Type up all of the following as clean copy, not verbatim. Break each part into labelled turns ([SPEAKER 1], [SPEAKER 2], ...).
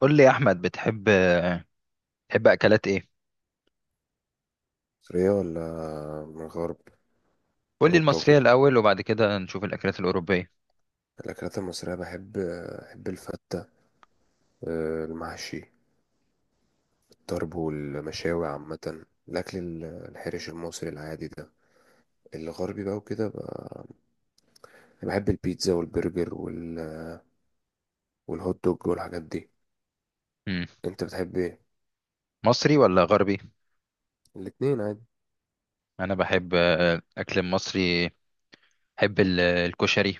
[SPEAKER 1] قول لي يا احمد، بتحب اكلات ايه؟
[SPEAKER 2] مصرية ولا من الغرب؟
[SPEAKER 1] قول لي
[SPEAKER 2] أوروبا
[SPEAKER 1] المصريه
[SPEAKER 2] وكده.
[SPEAKER 1] الاول وبعد كده نشوف الاكلات الاوروبيه.
[SPEAKER 2] الأكلات المصرية بحب الفتة، المحشي، الطرب والمشاوي، عامة الأكل الحرش المصري العادي ده. الغربي بقى وكده بحب البيتزا والبرجر والهوت دوج والحاجات دي.
[SPEAKER 1] امم
[SPEAKER 2] أنت بتحب إيه؟
[SPEAKER 1] مصري ولا غربي؟
[SPEAKER 2] الاتنين عادي.
[SPEAKER 1] انا بحب اكل مصري. بحب الكشري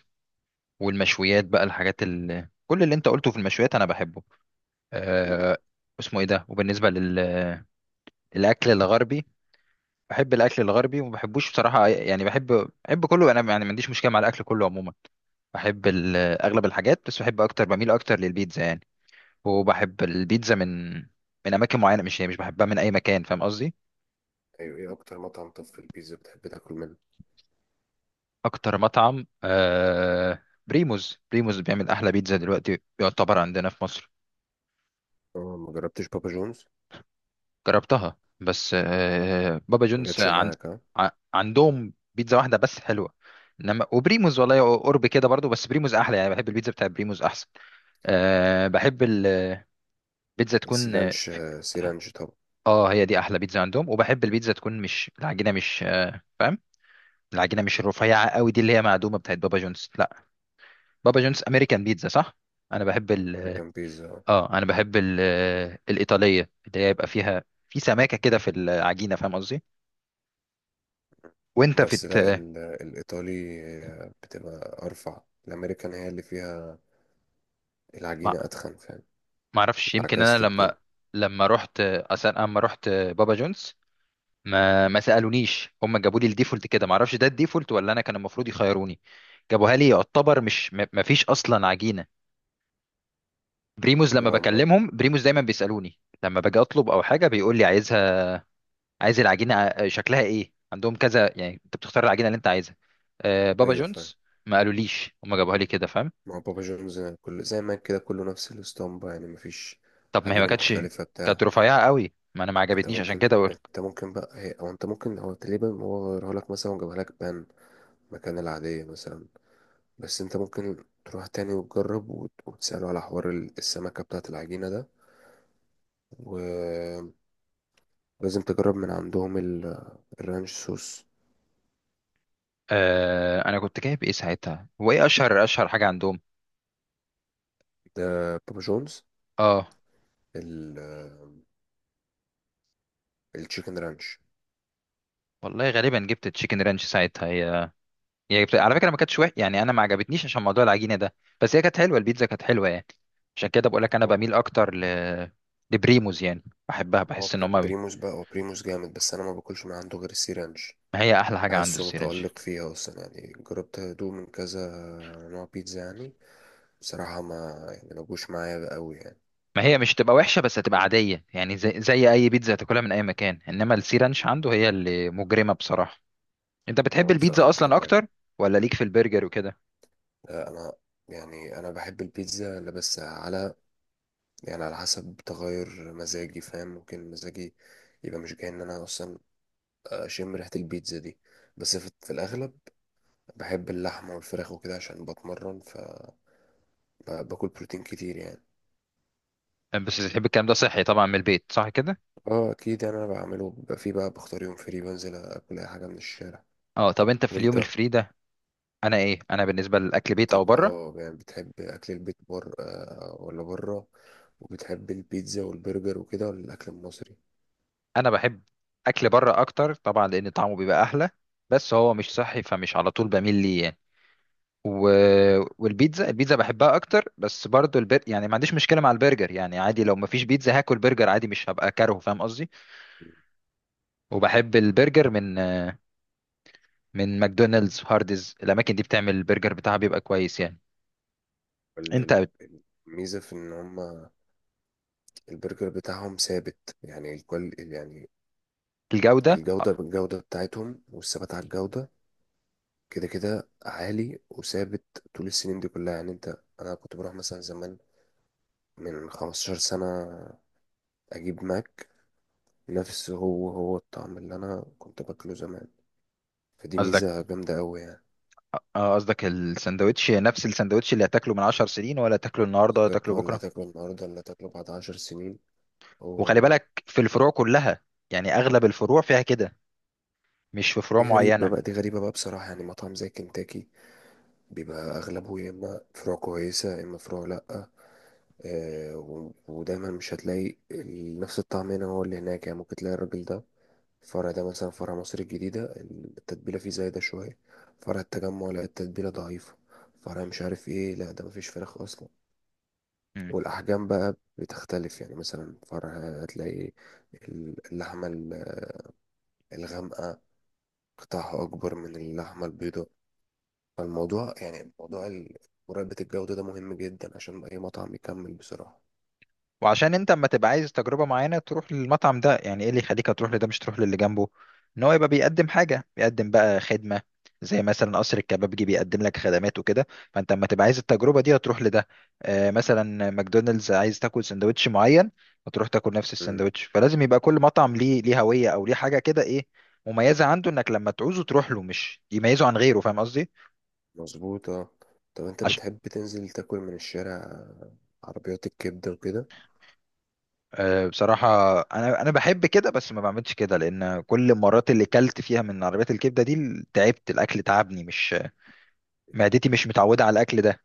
[SPEAKER 1] والمشويات بقى، الحاجات كل اللي انت قلته في المشويات انا بحبه.
[SPEAKER 2] مم.
[SPEAKER 1] أه... اسمه ايه ده؟ وبالنسبه للاكل الغربي، بحب الاكل الغربي وما بحبوش بصراحه، يعني بحب كله انا يعني، ما عنديش مشكله مع الاكل كله عموما. بحب اغلب الحاجات، بس بحب اكتر، بميل اكتر للبيتزا يعني. وبحب البيتزا من اماكن معينه، مش مش بحبها من اي مكان، فاهم قصدي؟
[SPEAKER 2] أيوة، إيه أكتر مطعم طب في البيتزا بتحب تاكل منه؟
[SPEAKER 1] اكتر مطعم بريموز بيعمل احلى بيتزا دلوقتي يعتبر عندنا في مصر.
[SPEAKER 2] ما جربتش بابا جونز؟
[SPEAKER 1] جربتها بس، بابا
[SPEAKER 2] ما
[SPEAKER 1] جونز
[SPEAKER 2] جاتش معاك ها؟
[SPEAKER 1] ع- عندهم بيتزا واحده بس حلوه، انما وبريموز والله قرب كده برضو، بس بريموز احلى يعني، بحب البيتزا بتاع بريموز احسن. بحب البيتزا تكون
[SPEAKER 2] السيرانش، سيرانش طب.
[SPEAKER 1] هي دي احلى بيتزا عندهم. وبحب البيتزا تكون مش العجينه، مش فاهم، العجينه مش الرفيعه قوي دي اللي هي معدومه بتاعت بابا جونز، لا. بابا جونز امريكان بيتزا صح؟ انا بحب ال
[SPEAKER 2] أمريكان بيتزا؟
[SPEAKER 1] اه انا بحب الايطاليه اللي هي يبقى فيها في سماكه كده في العجينه، فاهم قصدي؟ وانت في
[SPEAKER 2] بس لا، الإيطالي بتبقى أرفع. الأمريكان هي اللي فيها
[SPEAKER 1] ما
[SPEAKER 2] العجينة أتخن، فاهم؟
[SPEAKER 1] ما اعرفش، يمكن انا
[SPEAKER 2] اتعكست
[SPEAKER 1] لما،
[SPEAKER 2] الدنيا.
[SPEAKER 1] رحت اصلا، اما رحت بابا جونز ما سالونيش، هم جابوا لي الديفولت كده، ما اعرفش ده الديفولت ولا انا كان المفروض يخيروني. جابوها لي يعتبر، مش ما فيش اصلا عجينه. بريموز لما
[SPEAKER 2] لا هما.
[SPEAKER 1] بكلمهم، بريموز دايما بيسالوني لما باجي اطلب او حاجه، بيقول لي عايز العجينه شكلها ايه؟ عندهم كذا، يعني انت بتختار العجينه اللي انت عايزها. بابا
[SPEAKER 2] أيوة فاهم.
[SPEAKER 1] جونز ما قالوليش، هم جابوها لي كده فاهم.
[SPEAKER 2] ما هو بابا جونز كل زي ما كده كله نفس الاسطمبة، يعني مفيش
[SPEAKER 1] طب ما هي، ما
[SPEAKER 2] عجينة
[SPEAKER 1] كانتش
[SPEAKER 2] مختلفة
[SPEAKER 1] كانت
[SPEAKER 2] بتاع.
[SPEAKER 1] رفيعه قوي، ما انا ما
[SPEAKER 2] انت
[SPEAKER 1] عجبتنيش عشان
[SPEAKER 2] ممكن
[SPEAKER 1] كده بقولك.
[SPEAKER 2] انت ممكن بقى هي او انت ممكن هو تقريبا هو غيرها لك مثلا وجابها لك بان مكان العادية مثلا. بس انت ممكن تروح تاني وتجرب وتسأله على حوار السمكة بتاعة العجينة ده و... لازم تجرب من عندهم الرانش صوص
[SPEAKER 1] انا كنت جايب ايه ساعتها؟ هو ايه اشهر حاجه عندهم؟
[SPEAKER 2] ده، بابا جونز،
[SPEAKER 1] اه،
[SPEAKER 2] ال- التشيكن رانش.
[SPEAKER 1] والله غالبا جبت تشيكن رانش ساعتها. هي جبت على فكره، ما كانتش وحش يعني، انا ما عجبتنيش عشان موضوع العجينه ده، بس هي كانت حلوه، البيتزا كانت حلوه يعني. عشان كده بقولك انا
[SPEAKER 2] هو
[SPEAKER 1] بميل اكتر لبريموز يعني، بحبها،
[SPEAKER 2] ما هو
[SPEAKER 1] بحس ان هما
[SPEAKER 2] بريموس بقى، هو بريموس جامد، بس انا ما باكلش من عنده غير السي رانش.
[SPEAKER 1] ما هي احلى حاجه عنده
[SPEAKER 2] بحسه
[SPEAKER 1] السيرنج.
[SPEAKER 2] متألق فيها اصلا، يعني جربت ادوق من كذا نوع بيتزا يعني، بصراحة ما جوش معايا قوي يعني.
[SPEAKER 1] ما هي مش هتبقى وحشه بس هتبقى عاديه، يعني زي اي بيتزا هتاكلها من اي مكان، انما السي رانش
[SPEAKER 2] مم.
[SPEAKER 1] عنده هي اللي مجرمه بصراحه. انت بتحب
[SPEAKER 2] هو بصراحة
[SPEAKER 1] البيتزا
[SPEAKER 2] مش
[SPEAKER 1] اصلا
[SPEAKER 2] طبيعي.
[SPEAKER 1] اكتر ولا ليك في البرجر وكده؟
[SPEAKER 2] لا، انا يعني انا بحب البيتزا اللي بس على، يعني على حسب تغير مزاجي، فاهم؟ ممكن مزاجي يبقى مش جاي ان انا اصلا اشم ريحه البيتزا دي. بس في الاغلب بحب اللحمه والفراخ وكده عشان بتمرن، فباكل بروتين كتير يعني.
[SPEAKER 1] بس بتحب الكلام ده صحي طبعا، من البيت صح كده؟
[SPEAKER 2] اه اكيد، يعني انا بعمله بيبقى فيه بقى، بختار يوم فري بنزل اكل اي حاجه من الشارع.
[SPEAKER 1] اه، طب انت في اليوم
[SPEAKER 2] وانت؟
[SPEAKER 1] الفري ده، انا ايه، انا بالنسبه للاكل، بيت
[SPEAKER 2] انت
[SPEAKER 1] او بره؟
[SPEAKER 2] يعني بتحب اكل البيت، بره، ولا بره؟ وبتحب البيتزا والبرجر وكده، ولا الاكل المصري؟
[SPEAKER 1] انا بحب اكل بره اكتر طبعا، لان طعمه بيبقى احلى، بس هو مش صحي فمش على طول بميل ليه يعني. و... البيتزا بحبها اكتر، بس برضو يعني ما عنديش مشكله مع البرجر، يعني عادي لو ما فيش بيتزا هاكل برجر عادي، مش هبقى كاره فاهم قصدي. وبحب البرجر من ماكدونالدز، هاردز، الاماكن دي بتعمل البرجر بتاعها بيبقى كويس يعني.
[SPEAKER 2] ال-
[SPEAKER 1] انت
[SPEAKER 2] ال- ال- الميزه في ان هما البرجر بتاعهم ثابت، يعني الكل يعني.
[SPEAKER 1] الجوده،
[SPEAKER 2] الجوده، بالجوده بتاعتهم والثبات على الجوده كده كده عالي وثابت طول السنين دي كلها، يعني انت انا كنت بروح مثلا زمان من 15 سنة اجيب ماك، نفس هو هو الطعم اللي انا كنت باكله زمان. فدي
[SPEAKER 1] قصدك،
[SPEAKER 2] ميزة جامدة قوي يعني.
[SPEAKER 1] اه قصدك الساندوتش، نفس الساندوتش اللي هتاكله من 10 سنين، ولا تاكله النهارده، ولا
[SPEAKER 2] بالظبط،
[SPEAKER 1] تاكله
[SPEAKER 2] هو اللي
[SPEAKER 1] بكره.
[SPEAKER 2] هتاكله النهاردة اللي هتاكله بعد 10 سنين هو
[SPEAKER 1] وخلي
[SPEAKER 2] هو.
[SPEAKER 1] بالك في الفروع كلها، يعني اغلب الفروع فيها كده، مش في فروع
[SPEAKER 2] دي غريبة
[SPEAKER 1] معينه.
[SPEAKER 2] بقى، دي غريبة بقى بصراحة. يعني مطعم زي كنتاكي بيبقى أغلبه يا إما فروع كويسة يا إما فروع لأ. آه، ودايما مش هتلاقي نفس الطعم هنا هو اللي هناك. يعني ممكن تلاقي الراجل ده الفرع ده مثلا، فرع مصر الجديدة التتبيلة فيه زايدة شوية، فرع التجمع لا التتبيلة ضعيفة، فرع مش عارف ايه لا ده مفيش فراخ أصلا. والأحجام بقى بتختلف، يعني مثلا فرع هتلاقي اللحمة الغامقة قطعها أكبر من اللحمة البيضاء. فالموضوع يعني موضوع مراقبة الجودة ده مهم جدا عشان أي مطعم يكمل بصراحة.
[SPEAKER 1] وعشان انت اما تبقى عايز تجربة معينة تروح للمطعم ده، يعني ايه اللي يخليك تروح لده مش تروح للي جنبه؟ ان هو يبقى بيقدم حاجة، بيقدم بقى خدمة، زي مثلا قصر الكبابجي بيقدم لك خدمات وكده، فانت اما تبقى عايز التجربة دي هتروح لده. آه مثلا ماكدونالدز، عايز تاكل سندوتش معين هتروح تاكل نفس
[SPEAKER 2] مم.
[SPEAKER 1] السندوتش. فلازم يبقى كل مطعم ليه، هوية او ليه حاجة كده، ايه مميزة عنده، انك لما تعوزه تروح له، مش يميزه عن غيره، فاهم قصدي.
[SPEAKER 2] مظبوط اه. طب انت بتحب تنزل تاكل من الشارع، عربيات الكبدة وكده؟
[SPEAKER 1] بصراحة أنا بحب كده، بس ما بعملش كده لأن كل المرات اللي كلت فيها من عربيات الكبدة دي تعبت، الأكل تعبني، مش معدتي مش متعودة على الأكل ده.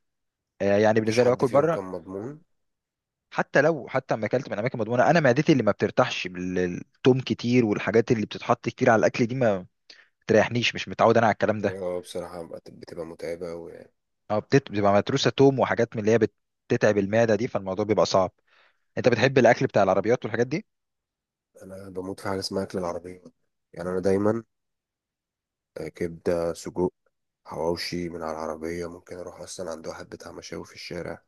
[SPEAKER 1] يعني
[SPEAKER 2] مفيش
[SPEAKER 1] بالنسبة لي
[SPEAKER 2] حد
[SPEAKER 1] باكل
[SPEAKER 2] فيهم
[SPEAKER 1] بره،
[SPEAKER 2] كان مضمون؟
[SPEAKER 1] حتى لو، حتى لما أكلت من أماكن مضمونة، أنا معدتي اللي ما بترتاحش بالثوم كتير والحاجات اللي بتتحط كتير على الأكل دي ما بتريحنيش، مش متعود أنا على الكلام ده.
[SPEAKER 2] اه بصراحة بتبقى متعبة أوي يعني.
[SPEAKER 1] أه، بتبقى متروسة توم وحاجات من اللي هي بتتعب المعدة دي، فالموضوع بيبقى صعب. أنت بتحب الأكل بتاع العربيات والحاجات دي؟
[SPEAKER 2] أنا بموت في حاجة اسمها أكل العربية، يعني أنا دايما، كبدة، سجق، حواوشي من على العربية. ممكن أروح أصلا عند واحد بتاع مشاوي في الشارع،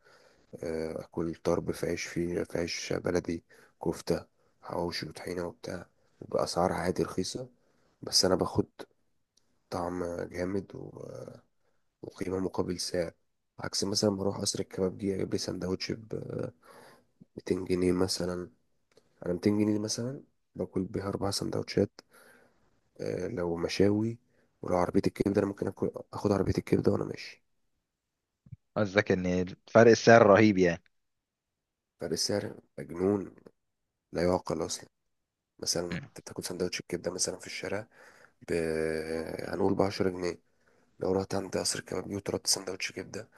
[SPEAKER 2] أكل طرب في عيش، فيه في عيش بلدي، كفتة، حواوشي وطحينة وبتاع، بأسعار عادي رخيصة. بس أنا باخد طعم جامد وقيمة مقابل سعر. عكس مثلا بروح قصر الكبابجي أجيب لي سندوتش ب 200 جنيه مثلا. على 200 جنيه دي مثلا باكل بيها أربع سندوتشات، لو مشاوي. ولو عربية الكبدة أنا ممكن آخد عربية الكبدة وأنا ماشي.
[SPEAKER 1] قصدك إن فرق السعر رهيب يعني؟
[SPEAKER 2] فرق السعر مجنون، لا يعقل أصلا. مثلا أنت بتاكل سندوتش الكبدة مثلا في الشارع ب، هنقول بعشرة جنيه. لو رحت عند قصر الكبابجي وطلبت سندوتش كبدة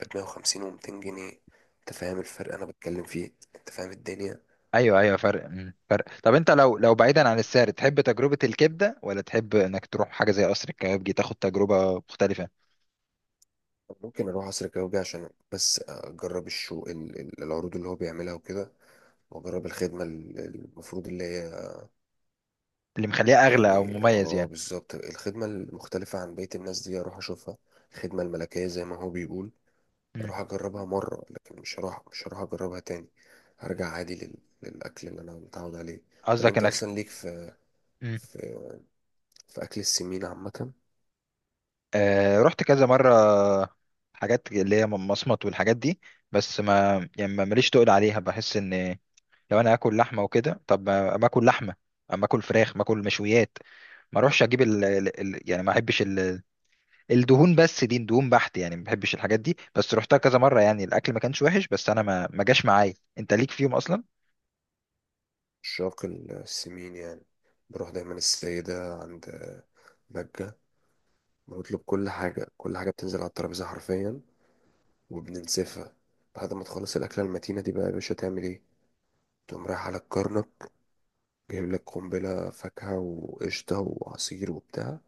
[SPEAKER 2] بمية وخمسين ومتين جنيه. أنت فاهم الفرق أنا بتكلم فيه؟ أنت فاهم الدنيا؟
[SPEAKER 1] ايوه، ايوه، فرق، طب انت لو، بعيدا عن السعر، تحب تجربه الكبده ولا تحب انك تروح حاجه زي قصر الكبابجي، تاخد تجربه مختلفه؟
[SPEAKER 2] ممكن أروح قصر الكبابجي عشان بس أجرب الشو، العروض اللي هو بيعملها وكده، وأجرب الخدمة المفروض اللي هي،
[SPEAKER 1] اللي مخليها اغلى او
[SPEAKER 2] يعني
[SPEAKER 1] مميز
[SPEAKER 2] اه
[SPEAKER 1] يعني.
[SPEAKER 2] بالظبط، الخدمة المختلفة عن بقية الناس دي اروح اشوفها، الخدمة الملكية زي ما هو بيقول.
[SPEAKER 1] مم.
[SPEAKER 2] اروح اجربها مرة، لكن مش هروح اجربها تاني. هرجع عادي للاكل اللي انا متعود عليه. طب
[SPEAKER 1] قصدك
[SPEAKER 2] انت
[SPEAKER 1] انك،
[SPEAKER 2] اصلا ليك في،
[SPEAKER 1] مم.
[SPEAKER 2] في, في اكل السمين عامة؟
[SPEAKER 1] رحت كذا مره، حاجات اللي هي مصمت والحاجات دي، بس ما يعني، ماليش تقل عليها، بحس ان لو انا اكل لحمه وكده، طب ما اكل لحمه، اما اكل فراخ، ما اكل مشويات، ما اروحش اجيب يعني ما احبش الدهون، بس دي دهون بحت يعني ما بحبش الحاجات دي، بس رحتها كذا مره، يعني الاكل ما كانش وحش، بس انا ما جاش معايا، انت ليك فيهم اصلا؟
[SPEAKER 2] عشاق السمين يعني، بروح دايما السيدة عند بجة، بنطلب كل حاجة، كل حاجة بتنزل على الترابيزة حرفيا وبننسفها. بعد ما تخلص الأكلة المتينة دي بقى يا باشا تعمل ايه؟ تقوم رايح على الكرنب، جايب لك قنبلة فاكهة وقشطة وعصير وبتاع،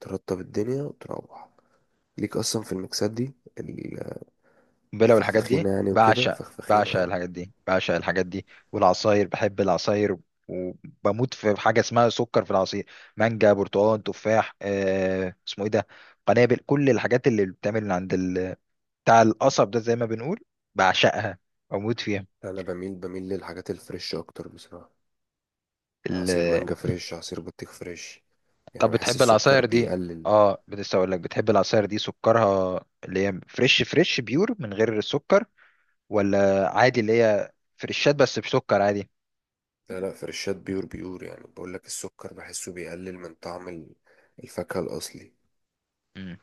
[SPEAKER 2] ترطب الدنيا وتروح. ليك أصلا في المكسات دي، ال-
[SPEAKER 1] بلا، والحاجات دي
[SPEAKER 2] الفخفخينة يعني وكده،
[SPEAKER 1] بعشق،
[SPEAKER 2] فخفخينة
[SPEAKER 1] بعشق
[SPEAKER 2] اه.
[SPEAKER 1] الحاجات دي، بعشق الحاجات دي، والعصاير، بحب العصاير، وبموت في حاجه اسمها سكر في العصير، مانجا، برتقال، تفاح، اسمه ايه ده، قنابل، كل الحاجات اللي بتعمل عند بتاع القصب ده زي ما بنقول، بعشقها، بموت
[SPEAKER 2] أنا بميل للحاجات الفريش أكتر بصراحة، عصير
[SPEAKER 1] فيها.
[SPEAKER 2] مانجا فريش، عصير بطيخ فريش، يعني
[SPEAKER 1] طب
[SPEAKER 2] بحس
[SPEAKER 1] بتحب
[SPEAKER 2] السكر
[SPEAKER 1] العصاير دي،
[SPEAKER 2] بيقلل.
[SPEAKER 1] اه لسه اقول لك، بتحب العصاير دي سكرها اللي هي فريش، فريش بيور من غير سكر، ولا عادي اللي هي فريشات بس بسكر عادي؟
[SPEAKER 2] لا لا، فريشات بيور بيور، يعني بقول لك السكر بحسه بيقلل من طعم الفاكهة الأصلي.
[SPEAKER 1] مم.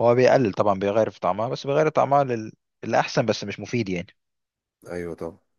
[SPEAKER 1] هو بيقلل طبعا، بيغير في طعمها، بس بيغير طعمها الأحسن، بس مش مفيد يعني.
[SPEAKER 2] أيوة طبعا.